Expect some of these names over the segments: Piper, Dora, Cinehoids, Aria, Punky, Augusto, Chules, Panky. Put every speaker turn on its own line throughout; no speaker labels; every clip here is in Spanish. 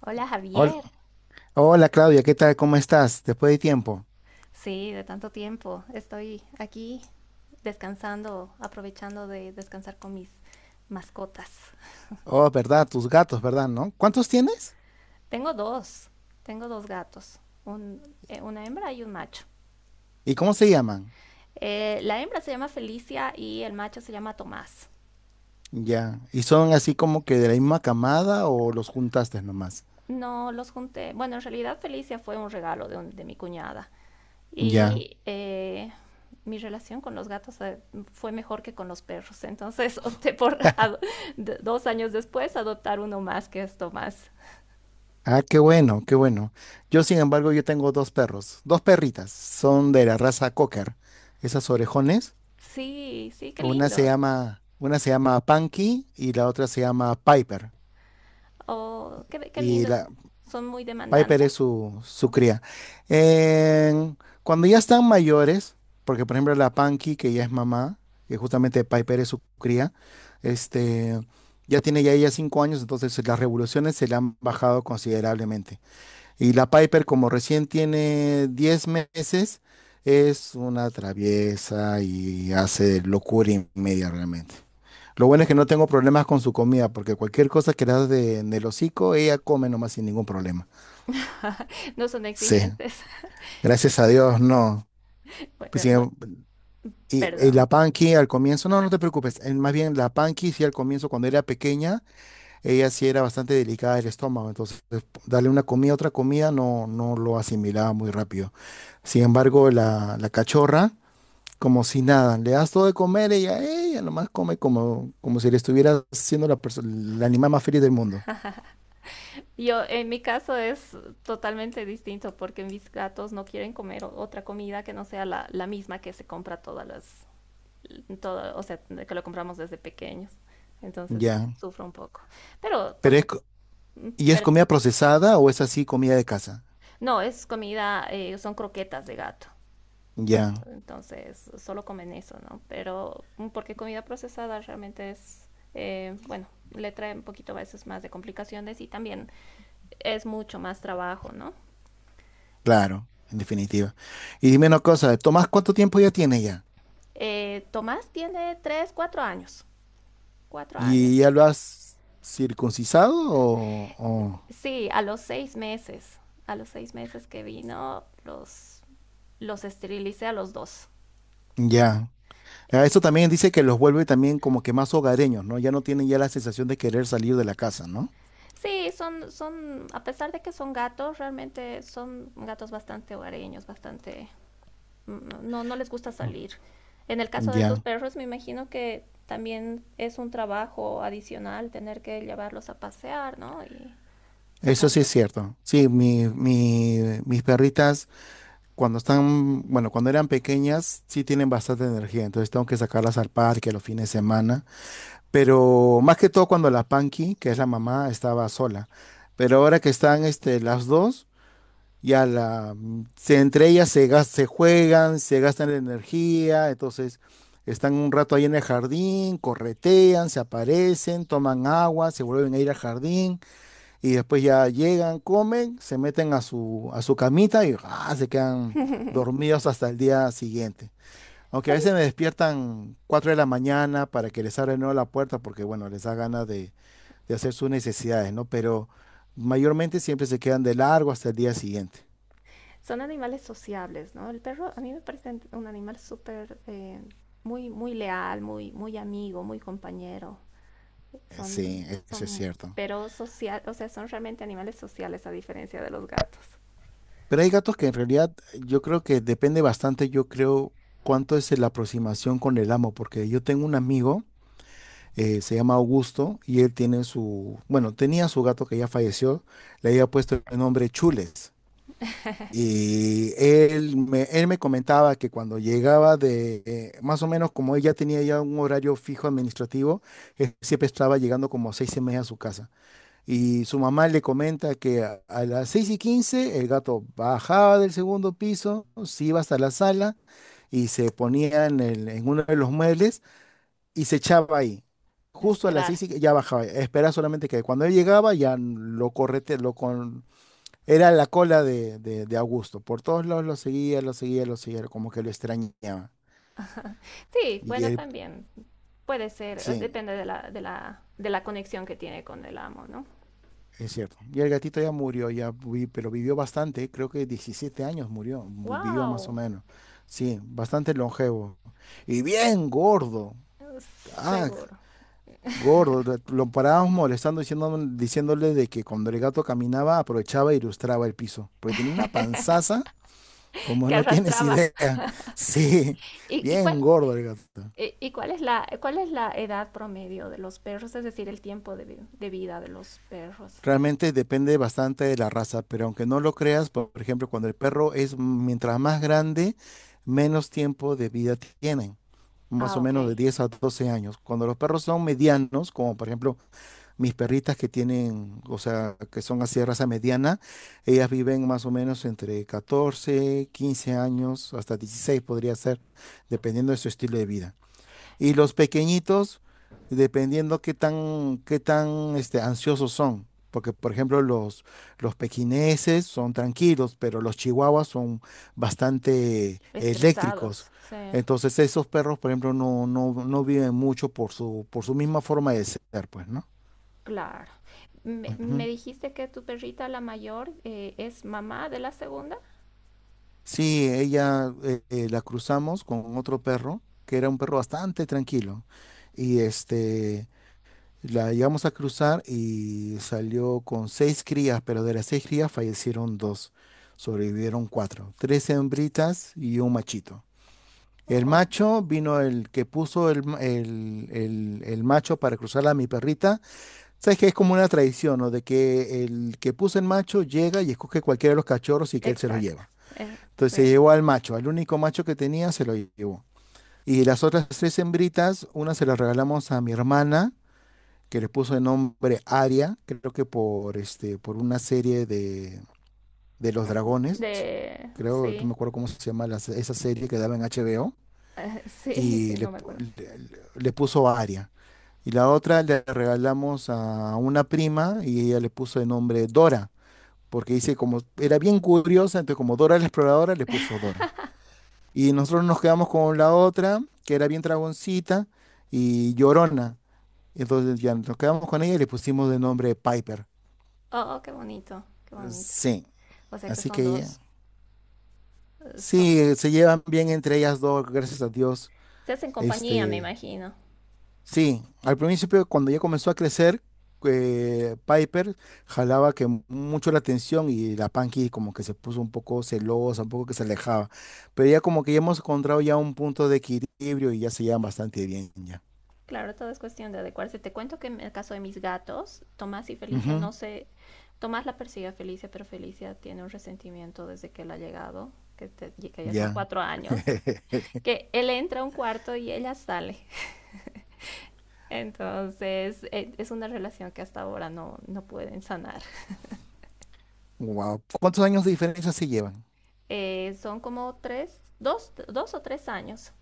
Hola
Hol-
Javier.
Hola, Claudia, ¿qué tal? ¿Cómo estás? Después de tiempo.
Sí, de tanto tiempo. Estoy aquí descansando, aprovechando de descansar con mis mascotas.
Oh, ¿verdad? Tus gatos, ¿verdad? ¿No? ¿Cuántos tienes?
Tengo dos, tengo dos gatos, una hembra y un macho.
¿Y cómo se llaman?
La hembra se llama Felicia y el macho se llama Tomás.
Ya. ¿Y son así como que de la misma camada o los juntaste nomás?
No los junté. Bueno, en realidad Felicia fue un regalo de mi cuñada
Ya.
y mi relación con los gatos fue mejor que con los perros. Entonces opté por, 2 años después, adoptar uno más que esto más.
Ah, qué bueno, qué bueno. Yo, sin embargo, yo tengo dos perros, dos perritas. Son de la raza Cocker, esas orejones.
Sí, sí, qué
Una se
lindo.
llama, una se llama Punky y la otra se llama Piper.
Oh, qué
Y
lindo.
la,
Son muy
Piper
demandantes.
es su cría. En- Cuando ya están mayores, porque por ejemplo la Panky, que ya es mamá, que justamente Piper es su cría, este, ya tiene ya ella 5 años, entonces las revoluciones se le han bajado considerablemente. Y la Piper, como recién tiene 10 meses, es una traviesa y hace locura y media realmente. Lo bueno es que no tengo problemas con su comida, porque cualquier cosa que le das de, en el hocico, ella come nomás sin ningún problema.
No son
Sí,
exigentes.
gracias a Dios, no.
Bueno,
Pues
eh,
sí,
bueno,
y
perdón.
la Panky al comienzo, no, no te preocupes. Más bien, la Panky sí al comienzo, cuando era pequeña, ella sí era bastante delicada del estómago. Entonces, darle una comida, otra comida, no, no lo asimilaba muy rápido. Sin embargo, la cachorra, como si nada, le das todo de comer, ella nomás come como si le estuviera siendo el animal más feliz del mundo.
Yo, en mi caso es totalmente distinto porque mis gatos no quieren comer otra comida que no sea la misma que se compra todo, o sea, de que lo compramos desde pequeños. Entonces
Ya.
sufro un poco. Pero por
Pero es,
su...
co- ¿Y es
Perdón.
comida procesada o es así comida de casa?
No, es comida, son croquetas de gato.
Ya.
Entonces solo comen eso, ¿no? Pero porque comida procesada realmente es, bueno, le trae un poquito a veces más de complicaciones y también es mucho más trabajo, ¿no?
Claro, en definitiva. Y dime una cosa, Tomás, ¿cuánto tiempo ya tiene ya?
Tomás tiene 3, 4 años.
¿Y ya lo has circuncisado?
Sí, a los 6 meses. A los 6 meses que vino, los esterilicé a los dos.
¿Ya? Ah, eso también dice que los vuelve también como que más hogareños, ¿no? Ya no tienen ya la sensación de querer salir de la casa, ¿no?
Sí, son, a pesar de que son gatos, realmente son gatos bastante hogareños, bastante, no, no les gusta
No.
salir. En el caso de tus
Ya,
perros, me imagino que también es un trabajo adicional tener que llevarlos a pasear, ¿no? Y
eso sí es
sacarlos.
cierto. Sí, mis perritas cuando están, bueno, cuando eran pequeñas sí tienen bastante energía, entonces tengo que sacarlas al parque los fines de semana. Pero más que todo cuando la Panky, que es la mamá, estaba sola. Pero ahora que están las dos, ya la, entre ellas se juegan, se gastan la energía, entonces están un rato ahí en el jardín, corretean, se aparecen, toman agua, se vuelven a ir al jardín y después ya llegan, comen, se meten a su camita y se quedan dormidos hasta el día siguiente. Aunque a
Son,
veces me despiertan 4 de la mañana para que les abra de nuevo la puerta porque, bueno, les da ganas de hacer sus necesidades, ¿no? Pero mayormente siempre se quedan de largo hasta el día siguiente.
son animales sociables, ¿no? El perro a mí me parece un animal súper, muy, muy leal, muy, muy amigo, muy compañero. Son,
Sí, eso es
son,
cierto.
pero social, o sea, son realmente animales sociales a diferencia de los gatos.
Pero hay gatos que en realidad yo creo que depende bastante, yo creo, cuánto es la aproximación con el amo, porque yo tengo un amigo, se llama Augusto, y él tiene su, bueno, tenía su gato que ya falleció, le había puesto el nombre Chules. Y él me comentaba que cuando llegaba de, más o menos como ella tenía ya un horario fijo administrativo, él siempre estaba llegando como a 6:30 a su casa. Y su mamá le comenta que a las 6:15 el gato bajaba del segundo piso, se iba hasta la sala y se ponía en, en uno de los muebles y se echaba ahí.
A
Justo a las
esperar.
seis y ya bajaba. Espera solamente que cuando él llegaba ya lo correte, lo, era la cola de Augusto. Por todos lados lo seguía, lo seguía, lo seguía, como que lo extrañaba.
Sí,
Y
bueno,
él,
también puede ser,
sí,
depende de la conexión que tiene con el amo, ¿no?
es cierto. Y el gatito ya murió, ya pero vivió bastante, creo que 17 años murió, vivió más o
¡Wow!
menos. Sí, bastante longevo. Y bien gordo. Ah,
Seguro.
gordo. Lo parábamos molestando, diciéndole de que cuando el gato caminaba, aprovechaba e ilustraba el piso. Porque tenía una panzaza, como
Que
no tienes
arrastraba.
idea. Sí,
¿Y
bien gordo el gato.
cuál es la edad promedio de los perros? Es decir, el tiempo de vida de los perros.
Realmente depende bastante de la raza, pero aunque no lo creas, por ejemplo, cuando el perro es mientras más grande, menos tiempo de vida tienen, más
Ah,
o menos de
ok.
10 a 12 años. Cuando los perros son medianos, como por ejemplo mis perritas que tienen, o sea, que son así de raza mediana, ellas viven más o menos entre 14 15 años, hasta 16 podría ser, dependiendo de su estilo de vida. Y los pequeñitos, dependiendo qué tan, qué tan ansiosos son. Porque, por ejemplo, los pequineses son tranquilos, pero los chihuahuas son bastante eléctricos.
Estresados, sí.
Entonces, esos perros, por ejemplo, no, no, no viven mucho por su misma forma de ser, pues, ¿no?
Claro. Me
Ujú.
dijiste que tu perrita, la mayor, es mamá de la segunda.
Sí, ella la cruzamos con otro perro, que era un perro bastante tranquilo. Y la llegamos a cruzar y salió con seis crías, pero de las seis crías fallecieron dos, sobrevivieron cuatro, tres hembritas y un machito. El
Oh,
macho vino el que puso el, el macho para cruzarla a mi perrita. Sabes que es como una tradición, ¿no? De que el que puso el macho llega y escoge cualquiera de los cachorros y que él se los
exacto.
lleva. Entonces se
Sí.
llevó al macho, al único macho que tenía se lo llevó. Y las otras tres hembritas, una se la regalamos a mi hermana que le puso de nombre Aria, creo que por, por una serie de los
Mm,
dragones, creo, no me
Sí.
acuerdo cómo se llama esa serie que daba en HBO,
Sí, sí,
y le,
no me acuerdo.
le puso Aria. Y la otra le regalamos a una prima y ella le puso de nombre Dora, porque dice como era bien curiosa, entonces como Dora la exploradora le puso Dora. Y nosotros nos quedamos con la otra, que era bien dragoncita y llorona. Entonces ya nos quedamos con ella y le pusimos de nombre Piper.
Oh, qué bonito, qué bonito.
Sí,
O sea que
así
son
que
dos, eh, son-
sí, se llevan bien entre ellas dos, gracias a Dios.
se hacen compañía, me
Este,
imagino.
sí, al principio cuando ya comenzó a crecer, Piper jalaba mucho la atención y la Panky como que se puso un poco celosa, un poco que se alejaba. Pero ya como que ya hemos encontrado ya un punto de equilibrio y ya se llevan bastante bien ya.
Claro, todo es cuestión de adecuarse. Te cuento que en el caso de mis gatos, Tomás y Felicia,
Ujú,
no sé, Tomás la persigue a Felicia, pero Felicia tiene un resentimiento desde que él ha llegado, que ya son
ya.
4 años. Que él entra a un cuarto y ella sale. Entonces es una relación que hasta ahora no pueden sanar.
Wow. ¿Cuántos años de diferencia se llevan?
Son como 3, 2, 2 o 3 años.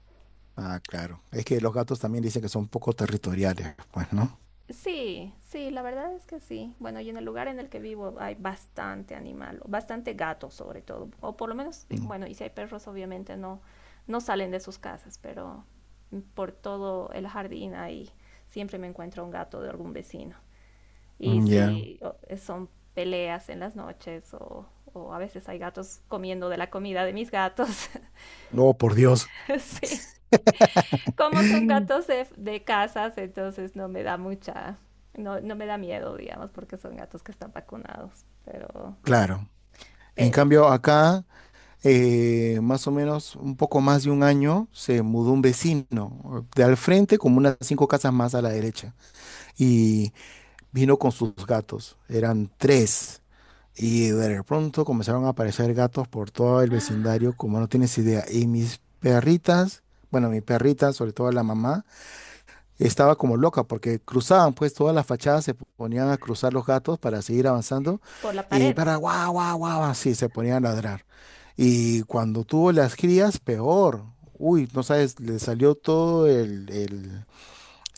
Ah, claro. Es que los gatos también dicen que son un poco territoriales, pues, ¿no?
Sí, sí, la verdad es que sí. Bueno, y en el lugar en el que vivo hay bastante animal, bastante gato sobre todo, o por lo menos, sí,
Mm.
bueno, y si hay perros obviamente no salen de sus casas, pero por todo el jardín ahí siempre me encuentro un gato de algún vecino. Y
Mm, ya.
si son peleas en las noches, o a veces hay gatos comiendo de la comida de mis gatos.
Oh, por Dios.
Sí, como son gatos de casas, entonces no me da mucha, no me da miedo, digamos, porque son gatos que están vacunados. Pero,
Claro. En
pero sí.
cambio, acá, más o menos un poco más de un año, se mudó un vecino de al frente, como unas cinco casas más a la derecha. Y vino con sus gatos. Eran tres. Y de pronto comenzaron a aparecer gatos por todo el vecindario,
¡Ah!
como no tienes idea. Y mis perritas, bueno, mi perrita, sobre todo la mamá, estaba como loca porque cruzaban pues todas las fachadas, se ponían a cruzar los gatos para seguir avanzando
Por la
y
pared,
para guau, guau, guau, así se ponían a ladrar. Y cuando tuvo las crías, peor. Uy, no sabes, le salió todo el, el,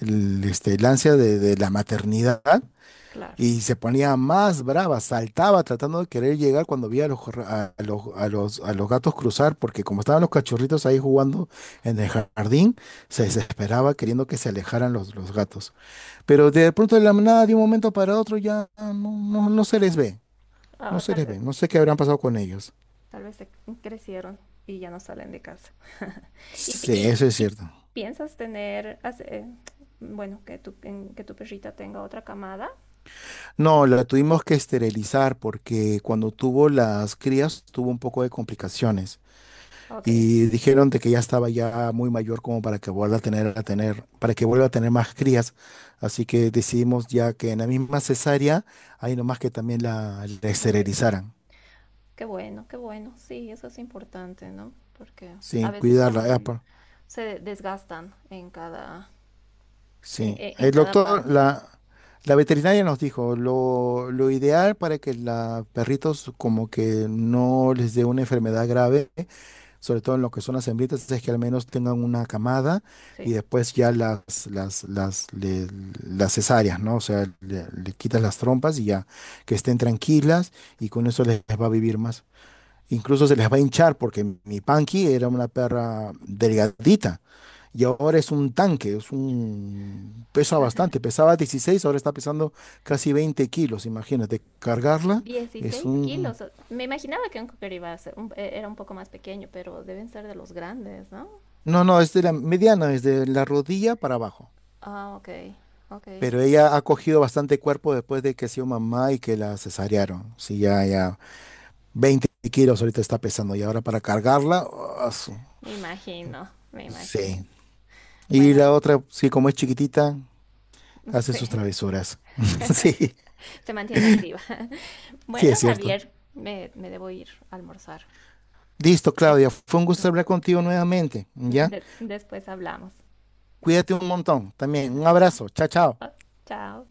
el, este, el ansia de la maternidad
claro.
y se ponía más brava, saltaba tratando de querer llegar cuando veía a los, a los gatos cruzar, porque como estaban los cachorritos ahí jugando en el jardín, se desesperaba queriendo que se alejaran los gatos. Pero de pronto de la nada, de un momento para otro, ya no, no, no se les ve. No
Ah,
se
tal
les ve.
vez,
No sé qué habrán pasado con ellos.
tal vez se crecieron y ya no salen de casa. ¿Y, pi-
Sí,
y-
eso es
y
cierto.
piensas tener, bueno, que tu, que tu perrita tenga otra camada?
No, la tuvimos que esterilizar porque cuando tuvo las crías tuvo un poco de complicaciones
Ok,
y dijeron de que ya estaba ya muy mayor como para que vuelva a tener, para que vuelva a tener más crías. Así que decidimos ya que en la misma cesárea, ahí nomás que también la
perfecto.
esterilizaran,
Qué bueno, qué bueno. Sí, eso es importante, ¿no? Porque a
sin
veces
cuidarla.
también se desgastan en cada,
Sí,
en
el
cada
doctor,
parte.
la veterinaria nos dijo, lo ideal para que los perritos como que no les dé una enfermedad grave, sobre todo en lo que son las hembritas, es que al menos tengan una camada y
Sí.
después ya las, las, le- las cesáreas, ¿no? O sea, le quitas las trompas y ya que estén tranquilas y con eso les va a vivir más. Incluso se les va a hinchar porque mi Panky era una perra delgadita y ahora es un tanque, es un... pesa bastante, pesaba 16, ahora está pesando casi 20 kilos, imagínate, cargarla es
Dieciséis
un...
kilos. Me imaginaba que un cocker iba a ser era un poco más pequeño, pero deben ser de los grandes, ¿no?
No, no, es de la mediana, desde la rodilla para abajo,
Ah, ok, ok.
pero ella ha cogido bastante cuerpo después de que ha sido mamá y que la cesarearon, sí, ya, ya, 20 kilos ahorita está pesando y ahora para cargarla, ah,
Me imagino, me imagino.
sí. Y la
Bueno,
otra, sí, como es chiquitita, hace sus
sí,
travesuras, sí,
se mantiene activa.
sí
Bueno,
es cierto.
Javier, me debo ir a almorzar.
Listo,
Es-
Claudia. Fue un gusto hablar contigo nuevamente, ¿ya?
después hablamos.
Cuídate un montón también. Un abrazo. Chao, chao.
Oh, chao.